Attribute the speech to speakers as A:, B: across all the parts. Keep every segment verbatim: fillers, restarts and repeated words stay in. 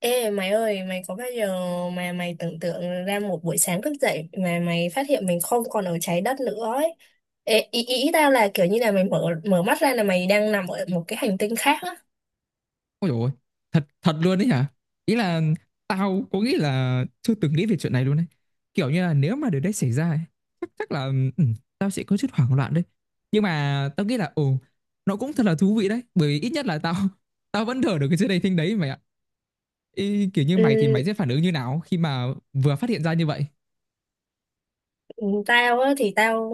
A: Ê mày ơi, mày có bao giờ mà mày tưởng tượng ra một buổi sáng thức dậy mà mày phát hiện mình không còn ở trái đất nữa ấy. Ê, ý, ý tao là kiểu như là mày mở mở mắt ra là mày đang nằm ở một cái hành tinh khác á.
B: Ôi dồi ôi, thật thật luôn đấy hả? Ý là tao có nghĩ là chưa từng nghĩ về chuyện này luôn đấy. Kiểu như là nếu mà điều đấy xảy ra ấy, chắc chắc là ừ, tao sẽ có chút hoảng loạn đấy. Nhưng mà tao nghĩ là ồ nó cũng thật là thú vị đấy, bởi vì ít nhất là tao tao vẫn thở được cái chuyện đầy thinh đấy mày ạ. Ý, kiểu như mày thì mày
A: Ừ,
B: sẽ phản ứng như nào khi mà vừa phát hiện ra như vậy?
A: tao á thì tao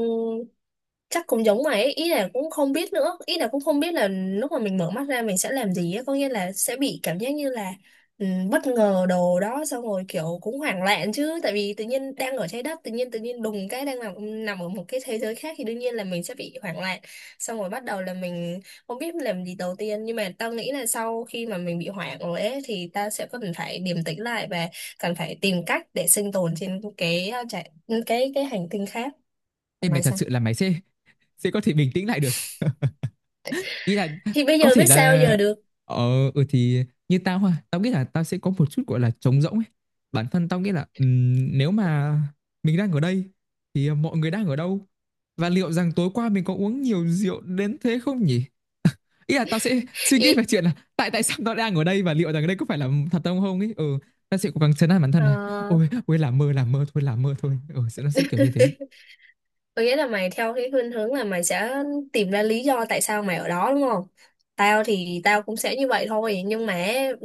A: chắc cũng giống mày ấy. Ý là cũng không biết nữa, ý là cũng không biết là lúc mà mình mở mắt ra mình sẽ làm gì á, có nghĩa là sẽ bị cảm giác như là ừ, bất ngờ đồ đó, xong rồi kiểu cũng hoảng loạn chứ, tại vì tự nhiên đang ở trái đất, tự nhiên tự nhiên đùng cái đang nằm nằm ở một cái thế giới khác thì đương nhiên là mình sẽ bị hoảng loạn, xong rồi bắt đầu là mình không biết làm gì đầu tiên. Nhưng mà tao nghĩ là sau khi mà mình bị hoảng rồi ấy thì ta sẽ cần phải điềm tĩnh lại và cần phải tìm cách để sinh tồn trên cái uh, trái- cái cái hành tinh khác.
B: Ê,
A: Còn
B: mày
A: mày
B: thật
A: sao?
B: sự là mày sẽ sẽ có thể bình tĩnh lại được. Ý là
A: Thì bây
B: có
A: giờ
B: thể
A: biết
B: là
A: sao giờ được.
B: ờ ừ thì như tao ha, tao nghĩ là tao sẽ có một chút gọi là trống rỗng ấy. Bản thân tao nghĩ là ừm, nếu mà mình đang ở đây thì mọi người đang ở đâu, và liệu rằng tối qua mình có uống nhiều rượu đến thế không nhỉ. Ý là tao sẽ suy nghĩ về
A: Ý,
B: chuyện là tại tại sao tao đang ở đây và liệu rằng đây có phải là thật không không ấy. ừ Tao sẽ cố gắng trấn an bản thân
A: ờ,
B: là ôi ôi, làm mơ làm mơ thôi làm mơ thôi, ừ, sẽ- nó sẽ kiểu như thế.
A: có nghĩa là mày theo cái khuynh hướng là mày sẽ tìm ra lý do tại sao mày ở đó đúng không? Tao thì tao cũng sẽ như vậy thôi, nhưng mà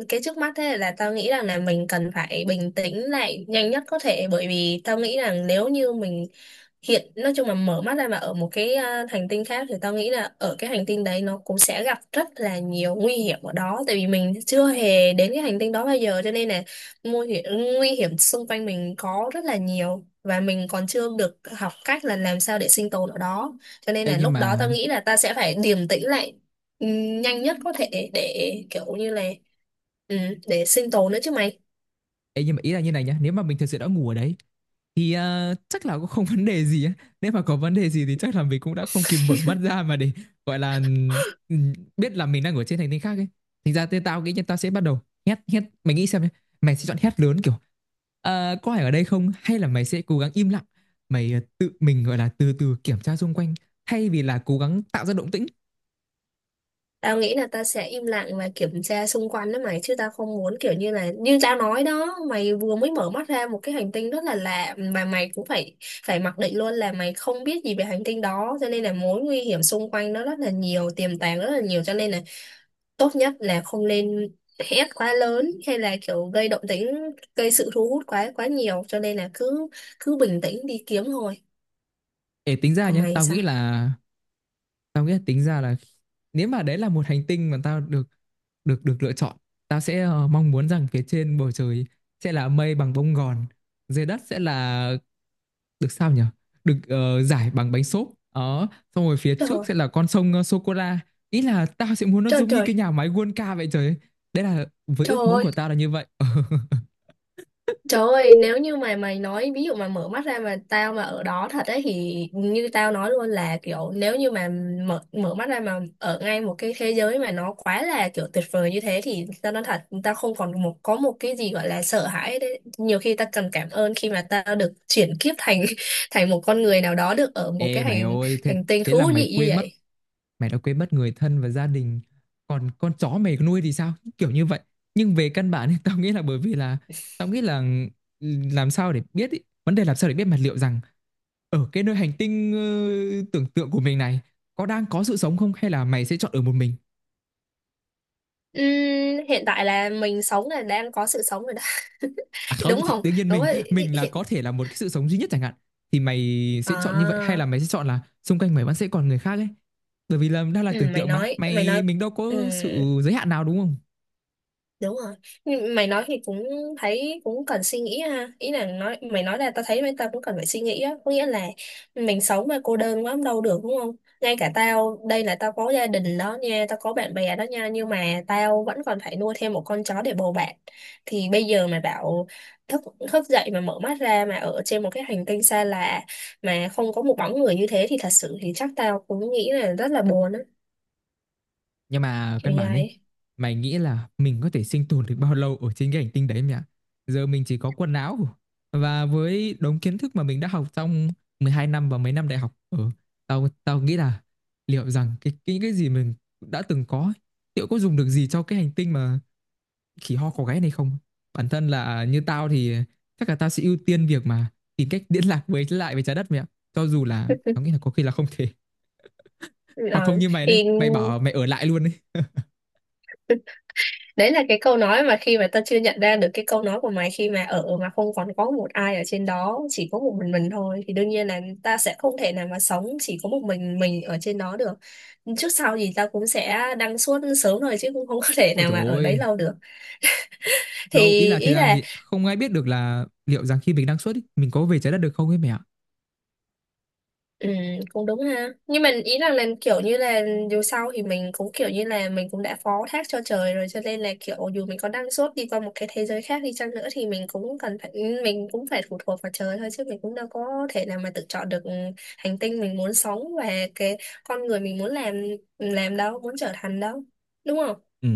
A: cái trước mắt thế là tao nghĩ rằng là mình cần phải bình tĩnh lại nhanh nhất có thể, bởi vì tao nghĩ rằng nếu như mình hiện nói chung là mở mắt ra mà ở một cái à, hành tinh khác thì tao nghĩ là ở cái hành tinh đấy nó cũng sẽ gặp rất là nhiều nguy hiểm ở đó, tại vì mình chưa hề đến cái hành tinh đó bao giờ, cho nên là nguy hiểm, nguy hiểm xung quanh mình có rất là nhiều, và mình còn chưa được học cách là làm sao để sinh tồn ở đó, cho nên
B: Ê,
A: là
B: nhưng
A: lúc đó tao
B: mà
A: nghĩ là ta sẽ phải điềm tĩnh lại ừm, nhanh nhất có thể để kiểu như là ừm, để sinh tồn nữa chứ mày.
B: Ê, nhưng mà ý là như này nhá, nếu mà mình thực sự đã ngủ ở đấy thì ờ, chắc là cũng không vấn đề gì á. Nếu mà có vấn đề gì thì chắc là mình cũng đã không kịp mở mắt ra mà để gọi là ừ, biết là mình đang ở trên hành tinh khác ấy. Thành ra tên tao nghĩ nhân tao sẽ bắt đầu hét hét, mày nghĩ xem nhá, mày sẽ chọn hét lớn kiểu "Ờ, có ai ở đây không", hay là mày sẽ cố gắng im lặng, mày ờ, tự mình gọi là từ từ kiểm tra xung quanh, thay vì là cố gắng tạo ra động tĩnh.
A: Tao nghĩ là ta sẽ im lặng và kiểm tra xung quanh đó mày, chứ tao không muốn kiểu như là như tao nói đó mày, vừa mới mở mắt ra một cái hành tinh rất là lạ mà mày cũng phải phải mặc định luôn là mày không biết gì về hành tinh đó, cho nên là mối nguy hiểm xung quanh nó rất là nhiều, tiềm tàng rất là nhiều, cho nên là tốt nhất là không nên hét quá lớn hay là kiểu gây động tĩnh, gây sự thu hút quá quá nhiều, cho nên là cứ cứ bình tĩnh đi kiếm thôi.
B: Để tính ra
A: Còn
B: nhá,
A: mày
B: tao
A: sao?
B: nghĩ là tao nghĩ là tính ra là nếu mà đấy là một hành tinh mà tao được được được lựa chọn, tao sẽ ờ, mong muốn rằng phía trên bầu trời sẽ là mây bằng bông gòn, dưới đất sẽ là, được sao nhỉ, được ờ, giải bằng bánh xốp đó, xong rồi phía
A: Trời
B: trước
A: ơi,
B: sẽ là con sông ờ, sô cô la. Ý là tao sẽ muốn nó
A: trời
B: giống như cái
A: trời,
B: nhà máy World Cup vậy, trời ơi. Đấy là với
A: trời
B: ước muốn
A: ơi.
B: của tao là như vậy.
A: Trời ơi, nếu như mà mày nói ví dụ mà mở mắt ra mà tao mà ở đó thật ấy, thì như tao nói luôn là kiểu nếu như mà mở mở mắt ra mà ở ngay một cái thế giới mà nó quá là kiểu tuyệt vời như thế thì tao nói thật, tao không còn một có một cái gì gọi là sợ hãi đấy. Nhiều khi tao cần cảm ơn khi mà tao được chuyển kiếp thành thành một con người nào đó được ở một
B: Ê,
A: cái
B: mày
A: hành
B: ơi, thế,
A: hành tinh
B: thế là
A: thú
B: mày
A: vị như
B: quên mất,
A: vậy.
B: mày đã quên mất người thân và gia đình, còn con chó mày nuôi thì sao, kiểu như vậy. Nhưng về căn bản thì tao nghĩ là bởi vì là tao nghĩ là làm sao để biết ý. Vấn đề làm sao để biết mà liệu rằng ở cái nơi hành tinh ờ, tưởng tượng của mình này có đang có sự sống không, hay là mày sẽ chọn ở một mình?
A: Ừm, hiện tại là mình sống là đang có sự sống rồi đó.
B: À, không
A: Đúng
B: thì
A: không?
B: tự nhiên
A: Đúng
B: mình
A: rồi.
B: mình là
A: Hiện...
B: có thể là một cái sự sống duy nhất chẳng hạn, thì mày sẽ chọn như vậy hay
A: À.
B: là mày sẽ chọn là xung quanh mày vẫn sẽ còn người khác ấy? Bởi vì là đang là
A: Ừ,
B: tưởng
A: mày
B: tượng mà,
A: nói mày
B: mày
A: nói
B: mình đâu có
A: ừ,
B: sự giới hạn nào, đúng không?
A: đúng rồi. Nhưng mày nói thì cũng thấy cũng cần suy nghĩ ha, ý là nói mày nói là tao thấy mấy, tao cũng cần phải suy nghĩ á, có nghĩa là mình sống mà cô đơn quá cũng đâu được đúng không? Ngay cả tao đây là tao có gia đình đó nha, tao có bạn bè đó nha, nhưng mà tao vẫn còn phải nuôi thêm một con chó để bầu bạn. Thì bây giờ mà bảo thức thức dậy mà mở mắt ra mà ở trên một cái hành tinh xa lạ mà không có một bóng người như thế thì thật sự thì chắc tao cũng nghĩ là rất là buồn á,
B: Nhưng mà
A: kiểu
B: căn
A: như
B: bản ấy,
A: vậy.
B: mày nghĩ là mình có thể sinh tồn được bao lâu ở trên cái hành tinh đấy mẹ ạ? Giờ mình chỉ có quần áo và với đống kiến thức mà mình đã học trong mười hai năm và mấy năm đại học ở, tao tao nghĩ là liệu rằng cái cái cái gì mình đã từng có ấy, liệu có dùng được gì cho cái hành tinh mà khỉ ho có gáy này không? Bản thân là như tao thì chắc là tao sẽ ưu tiên việc mà tìm cách liên lạc với lại với trái đất mẹ ạ. Cho dù là tao nghĩ là có khi là không thể, hoặc không
A: Ờ,
B: như mày đấy,
A: thì
B: mày bảo mày ở lại luôn đấy.
A: đấy là cái câu nói mà khi mà ta chưa nhận ra được cái câu nói của mày, khi mà ở mà không còn có một ai ở trên đó, chỉ có một mình mình thôi, thì đương nhiên là ta sẽ không thể nào mà sống chỉ có một mình mình ở trên đó được, trước sau gì ta cũng sẽ đăng suốt sớm thôi, chứ cũng không có thể
B: Ôi
A: nào
B: trời
A: mà ở đấy
B: ơi,
A: lâu được.
B: đâu, ý
A: Thì
B: là thời
A: ý
B: gian
A: là
B: thì không ai biết được là liệu rằng khi mình đang xuất ý, mình có về trái đất được không ấy mẹ ạ.
A: ừ, cũng đúng ha. Nhưng mình ý rằng là kiểu như là dù sao thì mình cũng kiểu như là mình cũng đã phó thác cho trời rồi, cho nên là kiểu dù mình có năng suất đi qua một cái thế giới khác đi chăng nữa thì mình cũng cần phải ừ, mình cũng phải phụ thuộc vào trời thôi, chứ mình cũng đâu có thể nào mà tự chọn được hành tinh mình muốn sống và cái con người mình muốn làm làm đâu, muốn trở thành đâu. Đúng không?
B: Ừ,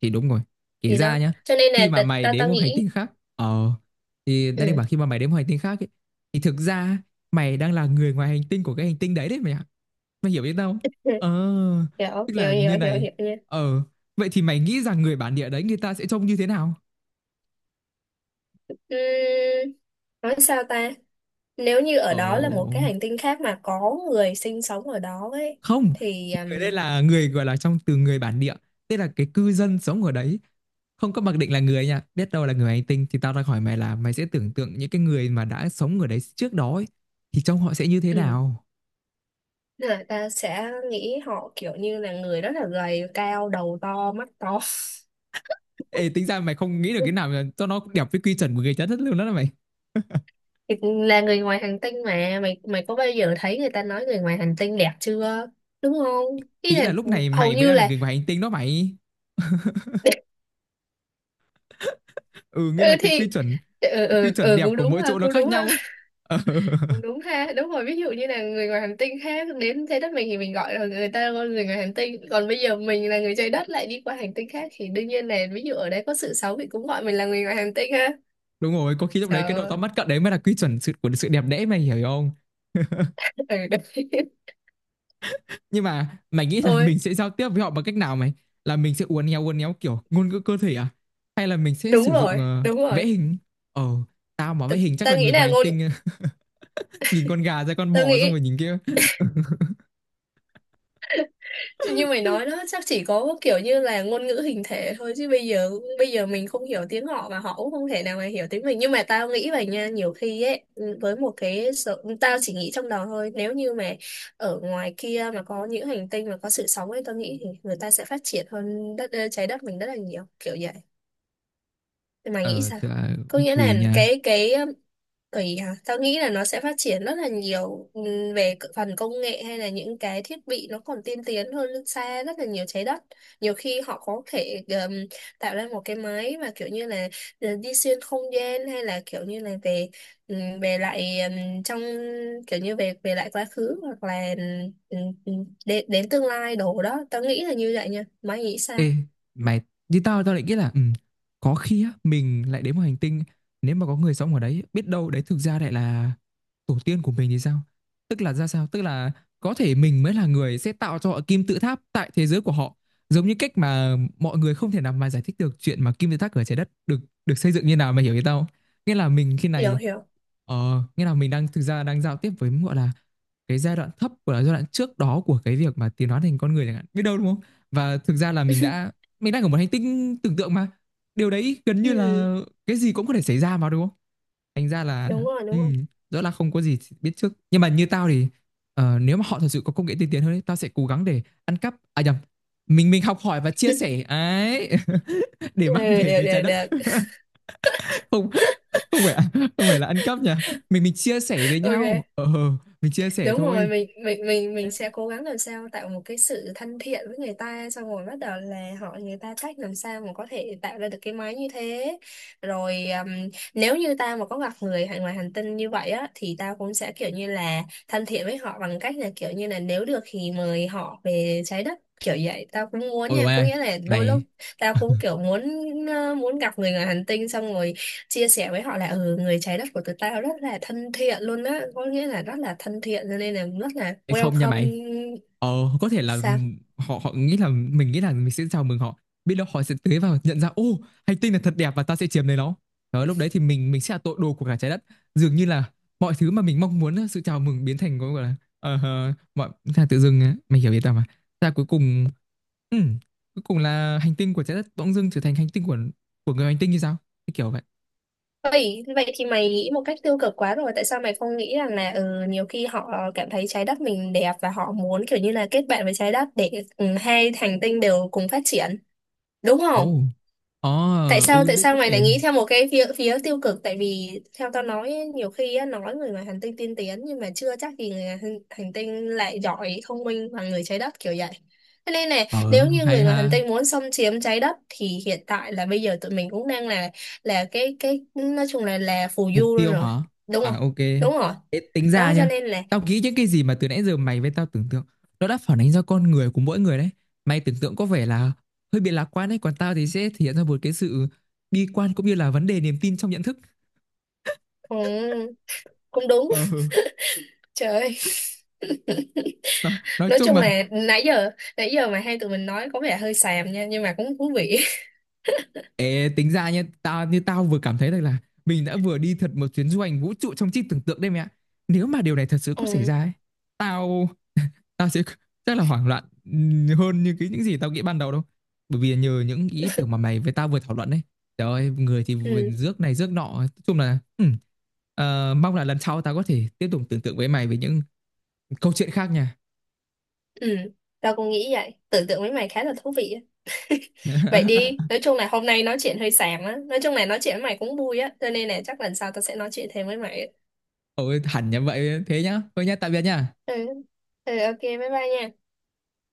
B: thì đúng rồi. Kể
A: Gì đó.
B: ra nhá,
A: Cho nên
B: khi
A: là
B: mà
A: ta
B: mày
A: ta,
B: đến
A: ta
B: một hành tinh
A: nghĩ
B: khác, ờ, thì đang định
A: ừ.
B: bảo khi mà mày đến một hành tinh khác ấy, thì thực ra mày đang là người ngoài hành tinh của cái hành tinh đấy đấy mày ạ. Mày hiểu biết không? Ờ,
A: Hiểu,
B: tức
A: hiểu,
B: là
A: hiểu,
B: như
A: hiểu,
B: này.
A: hiểu nha.
B: Ờ, vậy thì mày nghĩ rằng người bản địa đấy người ta sẽ trông như thế nào?
A: Ừm, nói sao ta? Nếu như ở
B: Ờ,
A: đó là một cái hành tinh khác mà có người sinh sống ở đó ấy
B: không,
A: thì
B: người đây
A: um,
B: là người gọi là trong từ người bản địa, tức là cái cư dân sống ở đấy, không có mặc định là người nha, biết đâu là người hành tinh, thì tao đang hỏi mày là mày sẽ tưởng tượng những cái người mà đã sống ở đấy trước đó ấy, thì trong họ sẽ như thế
A: ừ,
B: nào?
A: là ta sẽ nghĩ họ kiểu như là người rất là gầy, cao, đầu to, mắt to.
B: Ê, tính ra mày không nghĩ được cái nào mà cho nó đẹp với quy chuẩn của người trái đất luôn đó là mày.
A: Thì là người ngoài hành tinh mà mày, mày có bao giờ thấy người ta nói người ngoài hành tinh đẹp chưa? Đúng không, ý
B: Ý
A: là
B: là lúc
A: ừ,
B: này
A: hầu
B: mày mới
A: như
B: đang là
A: là
B: người ngoài hành tinh đó mày. Ừ,
A: ừ
B: nghĩa là cái quy
A: thì
B: chuẩn,
A: ừ,
B: quy
A: ừ,
B: chuẩn
A: ừ,
B: đẹp
A: cũng
B: của
A: đúng
B: mỗi
A: ha,
B: chỗ nó
A: cũng
B: khác
A: đúng ha.
B: nhau ấy. Ờ,
A: Cũng đúng ha, đúng rồi, ví dụ như là người ngoài hành tinh khác đến trái đất mình thì mình gọi là người ta là người ngoài hành tinh, còn bây giờ mình là người trái đất lại đi qua hành tinh khác thì đương nhiên là ví dụ ở đây có sự xấu thì cũng gọi mình là người ngoài hành tinh ha.
B: đúng rồi, có khi lúc
A: Trời
B: đấy cái độ
A: ơi,
B: to mắt cận đấy mới là quy chuẩn sự của sự đẹp đẽ, mày hiểu không?
A: ừ, đấy.
B: Nhưng mà mày nghĩ là
A: Ôi,
B: mình sẽ giao tiếp với họ bằng cách nào mày, là mình sẽ uốn éo uốn éo kiểu ngôn ngữ cơ thể à, hay là mình sẽ
A: đúng
B: sử dụng
A: rồi,
B: ờ,
A: đúng
B: vẽ
A: rồi.
B: hình, ờ tao mà
A: Ta,
B: vẽ hình chắc
A: ta
B: là
A: nghĩ
B: người
A: là
B: ngoài hành
A: ngôn
B: tinh nhìn con gà ra con
A: ta
B: bò
A: nghĩ
B: xong rồi nhìn kia.
A: Thì như mày nói đó chắc chỉ có kiểu như là ngôn ngữ hình thể thôi, chứ bây giờ bây giờ mình không hiểu tiếng họ và họ cũng không thể nào mà hiểu tiếng mình, nhưng mà tao nghĩ vậy nha, nhiều khi ấy ừ, với một cái sự, tao chỉ nghĩ trong đầu thôi, nếu như mà ở ngoài kia mà có những hành tinh mà có sự sống ấy, tao nghĩ thì người ta sẽ phát triển hơn đất trái đất mình rất là nhiều, kiểu vậy, thì mày nghĩ
B: ờ
A: sao?
B: thì là
A: Có
B: cũng
A: nghĩa
B: tùy
A: là
B: nha.
A: cái cái tùy hả? Tao nghĩ là nó sẽ phát triển rất là nhiều, ừm, về c- phần công nghệ hay là những cái thiết bị nó còn tiên tiến hơn nước xa rất là nhiều trái đất. Nhiều khi họ có thể ừm, tạo ra một cái máy mà kiểu như là ờ, đi xuyên không gian, hay là kiểu như là về ừm, về lại ừm, trong kiểu như về về lại quá khứ, hoặc là ừm, ừm, đến, đến tương lai đồ đó. Tao nghĩ là như vậy nha. Mày nghĩ sao?
B: Ê, mày, như tao tao lại nghĩ là ừ, có khi á, mình lại đến một hành tinh, nếu mà có người sống ở đấy biết đâu đấy thực ra lại là tổ tiên của mình thì sao? Tức là ra sao? Tức là có thể mình mới là người sẽ tạo cho họ kim tự tháp tại thế giới của họ, giống như cách mà mọi người không thể nào mà giải thích được chuyện mà kim tự tháp ở trái đất được được xây dựng như nào, mày hiểu ý tao không? Nghĩa là mình khi
A: Hiểu
B: này,
A: hiểu.
B: ờ, nghĩa là mình đang thực ra đang giao tiếp với gọi là cái giai đoạn thấp của là giai đoạn trước đó của cái việc mà tiến hóa thành con người chẳng hạn, biết đâu đúng không. Và thực ra là mình đã, mình đang ở một hành tinh tưởng tượng mà, điều đấy gần như
A: Ừ,
B: là cái gì cũng có thể xảy ra mà đúng không, thành ra là
A: đúng rồi,
B: ừ,
A: đúng rồi.
B: rõ là không có gì biết trước. Nhưng mà như tao thì ờ, nếu mà họ thật sự có công nghệ tiên tiến hơn ấy, tao sẽ cố gắng để ăn cắp, à nhầm, mình mình học hỏi và chia sẻ ấy, để
A: Ừ,
B: mang về
A: được,
B: với trái
A: được,
B: đất.
A: được.
B: Không, không phải không phải là ăn cắp nha, mình mình chia sẻ với nhau
A: Ok.
B: ờ ờ, mình chia sẻ
A: Đúng rồi,
B: thôi.
A: mình mình mình mình sẽ cố gắng làm sao tạo một cái sự thân thiện với người ta, xong rồi bắt đầu là hỏi người ta cách làm sao mà có thể tạo ra được cái máy như thế, rồi um, nếu như tao mà có gặp người hay ngoài hành tinh như vậy á thì tao cũng sẽ kiểu như là thân thiện với họ, bằng cách là kiểu như là nếu được thì mời họ về trái đất, kiểu vậy tao cũng muốn
B: Ôi
A: nha,
B: mày
A: có
B: ơi,
A: nghĩa là đôi lúc
B: mày,
A: tao cũng kiểu muốn ờ, muốn gặp người ngoài hành tinh, xong rồi chia sẻ với họ là ừ, người trái đất của tụi tao rất là thân thiện luôn á, có nghĩa là rất là thân thiện, cho nên là rất là
B: Ê, không nha mày,
A: welcome.
B: ờ có thể là
A: Sao?
B: họ họ nghĩ là mình nghĩ là mình sẽ chào mừng họ, biết đâu họ sẽ tới và nhận ra ô, hành tinh là thật đẹp và ta sẽ chiếm lấy nó. Đó, lúc đấy thì mình mình sẽ là tội đồ của cả trái đất, dường như là mọi thứ mà mình mong muốn sự chào mừng biến thành cái gọi là ờ, mọi là tự dưng á, mày hiểu ý tao mà. Ta cuối cùng, ừ, cuối cùng là hành tinh của trái đất bỗng dưng trở thành hành tinh của của người hành tinh như sao? Cái kiểu vậy.
A: Vậy vậy thì mày nghĩ một cách tiêu cực quá rồi, tại sao mày không nghĩ rằng là ừ, nhiều khi họ cảm thấy trái đất mình đẹp và họ muốn kiểu như là kết bạn với trái đất để ừ, hai hành tinh đều cùng phát triển đúng không?
B: Ồ, ờ,
A: tại sao
B: ừ,
A: tại
B: đấy
A: sao
B: có
A: mày lại
B: thể.
A: nghĩ theo một cái phía phía tiêu cực, tại vì theo tao nói ấy, nhiều khi á, nói người ngoài hành tinh tiên tiến nhưng mà chưa chắc gì người ngoài hành, hành tinh lại giỏi thông minh bằng người trái đất kiểu vậy. Thế nên này,
B: Ờ,
A: nếu như người
B: hay
A: ngoài hành
B: ha.
A: tinh muốn xâm chiếm trái đất thì hiện tại là bây giờ tụi mình cũng đang là là cái cái nói chung là là phù
B: Mục
A: du luôn
B: tiêu
A: rồi
B: hả?
A: đúng
B: À,
A: không?
B: ok.
A: Đúng rồi,
B: Thế tính ra
A: đó cho
B: nhá.
A: nên là
B: Tao nghĩ những cái gì mà từ nãy giờ mày với tao tưởng tượng, nó đã phản ánh ra con người của mỗi người đấy. Mày tưởng tượng có vẻ là hơi bị lạc quan đấy, còn tao thì sẽ thể hiện ra một cái sự bi quan cũng như là vấn đề niềm tin trong nhận thức.
A: ừ, cũng đúng.
B: Ờ,
A: Trời ơi.
B: nói, nói
A: Nói
B: chung
A: chung
B: mà,
A: là nãy giờ nãy giờ mà hai tụi mình nói có vẻ hơi xàm nha, nhưng mà cũng thú vị.
B: Ê, tính ra nhé, tao như tao vừa cảm thấy rằng là mình đã vừa đi thật một chuyến du hành vũ trụ trong trí tưởng tượng đây mẹ ạ. Nếu mà điều này thật sự có xảy
A: Ừ.
B: ra ấy, tao tao sẽ rất là hoảng loạn ừm, hơn như cái những gì tao nghĩ ban đầu đâu. Bởi vì nhờ những ý tưởng mà mày với tao vừa thảo luận đấy. Trời ơi, người thì vừa
A: Ừ,
B: rước này rước nọ, nói chung là ừm, ờ, mong là lần sau tao có thể tiếp tục tưởng tượng với mày về những câu chuyện khác nha.
A: ừ, tao cũng nghĩ vậy. Tưởng tượng với mày khá là thú vị á. Vậy đi, nói chung là hôm nay nói chuyện hơi xàm á. Nói chung là nói chuyện với mày cũng vui á. Cho nên là chắc lần sau tao sẽ nói chuyện thêm với mày á.
B: Ôi hẳn như vậy thế nhá. Thôi nhá, tạm biệt nha.
A: Ừ, ừ, ok, bye bye nha.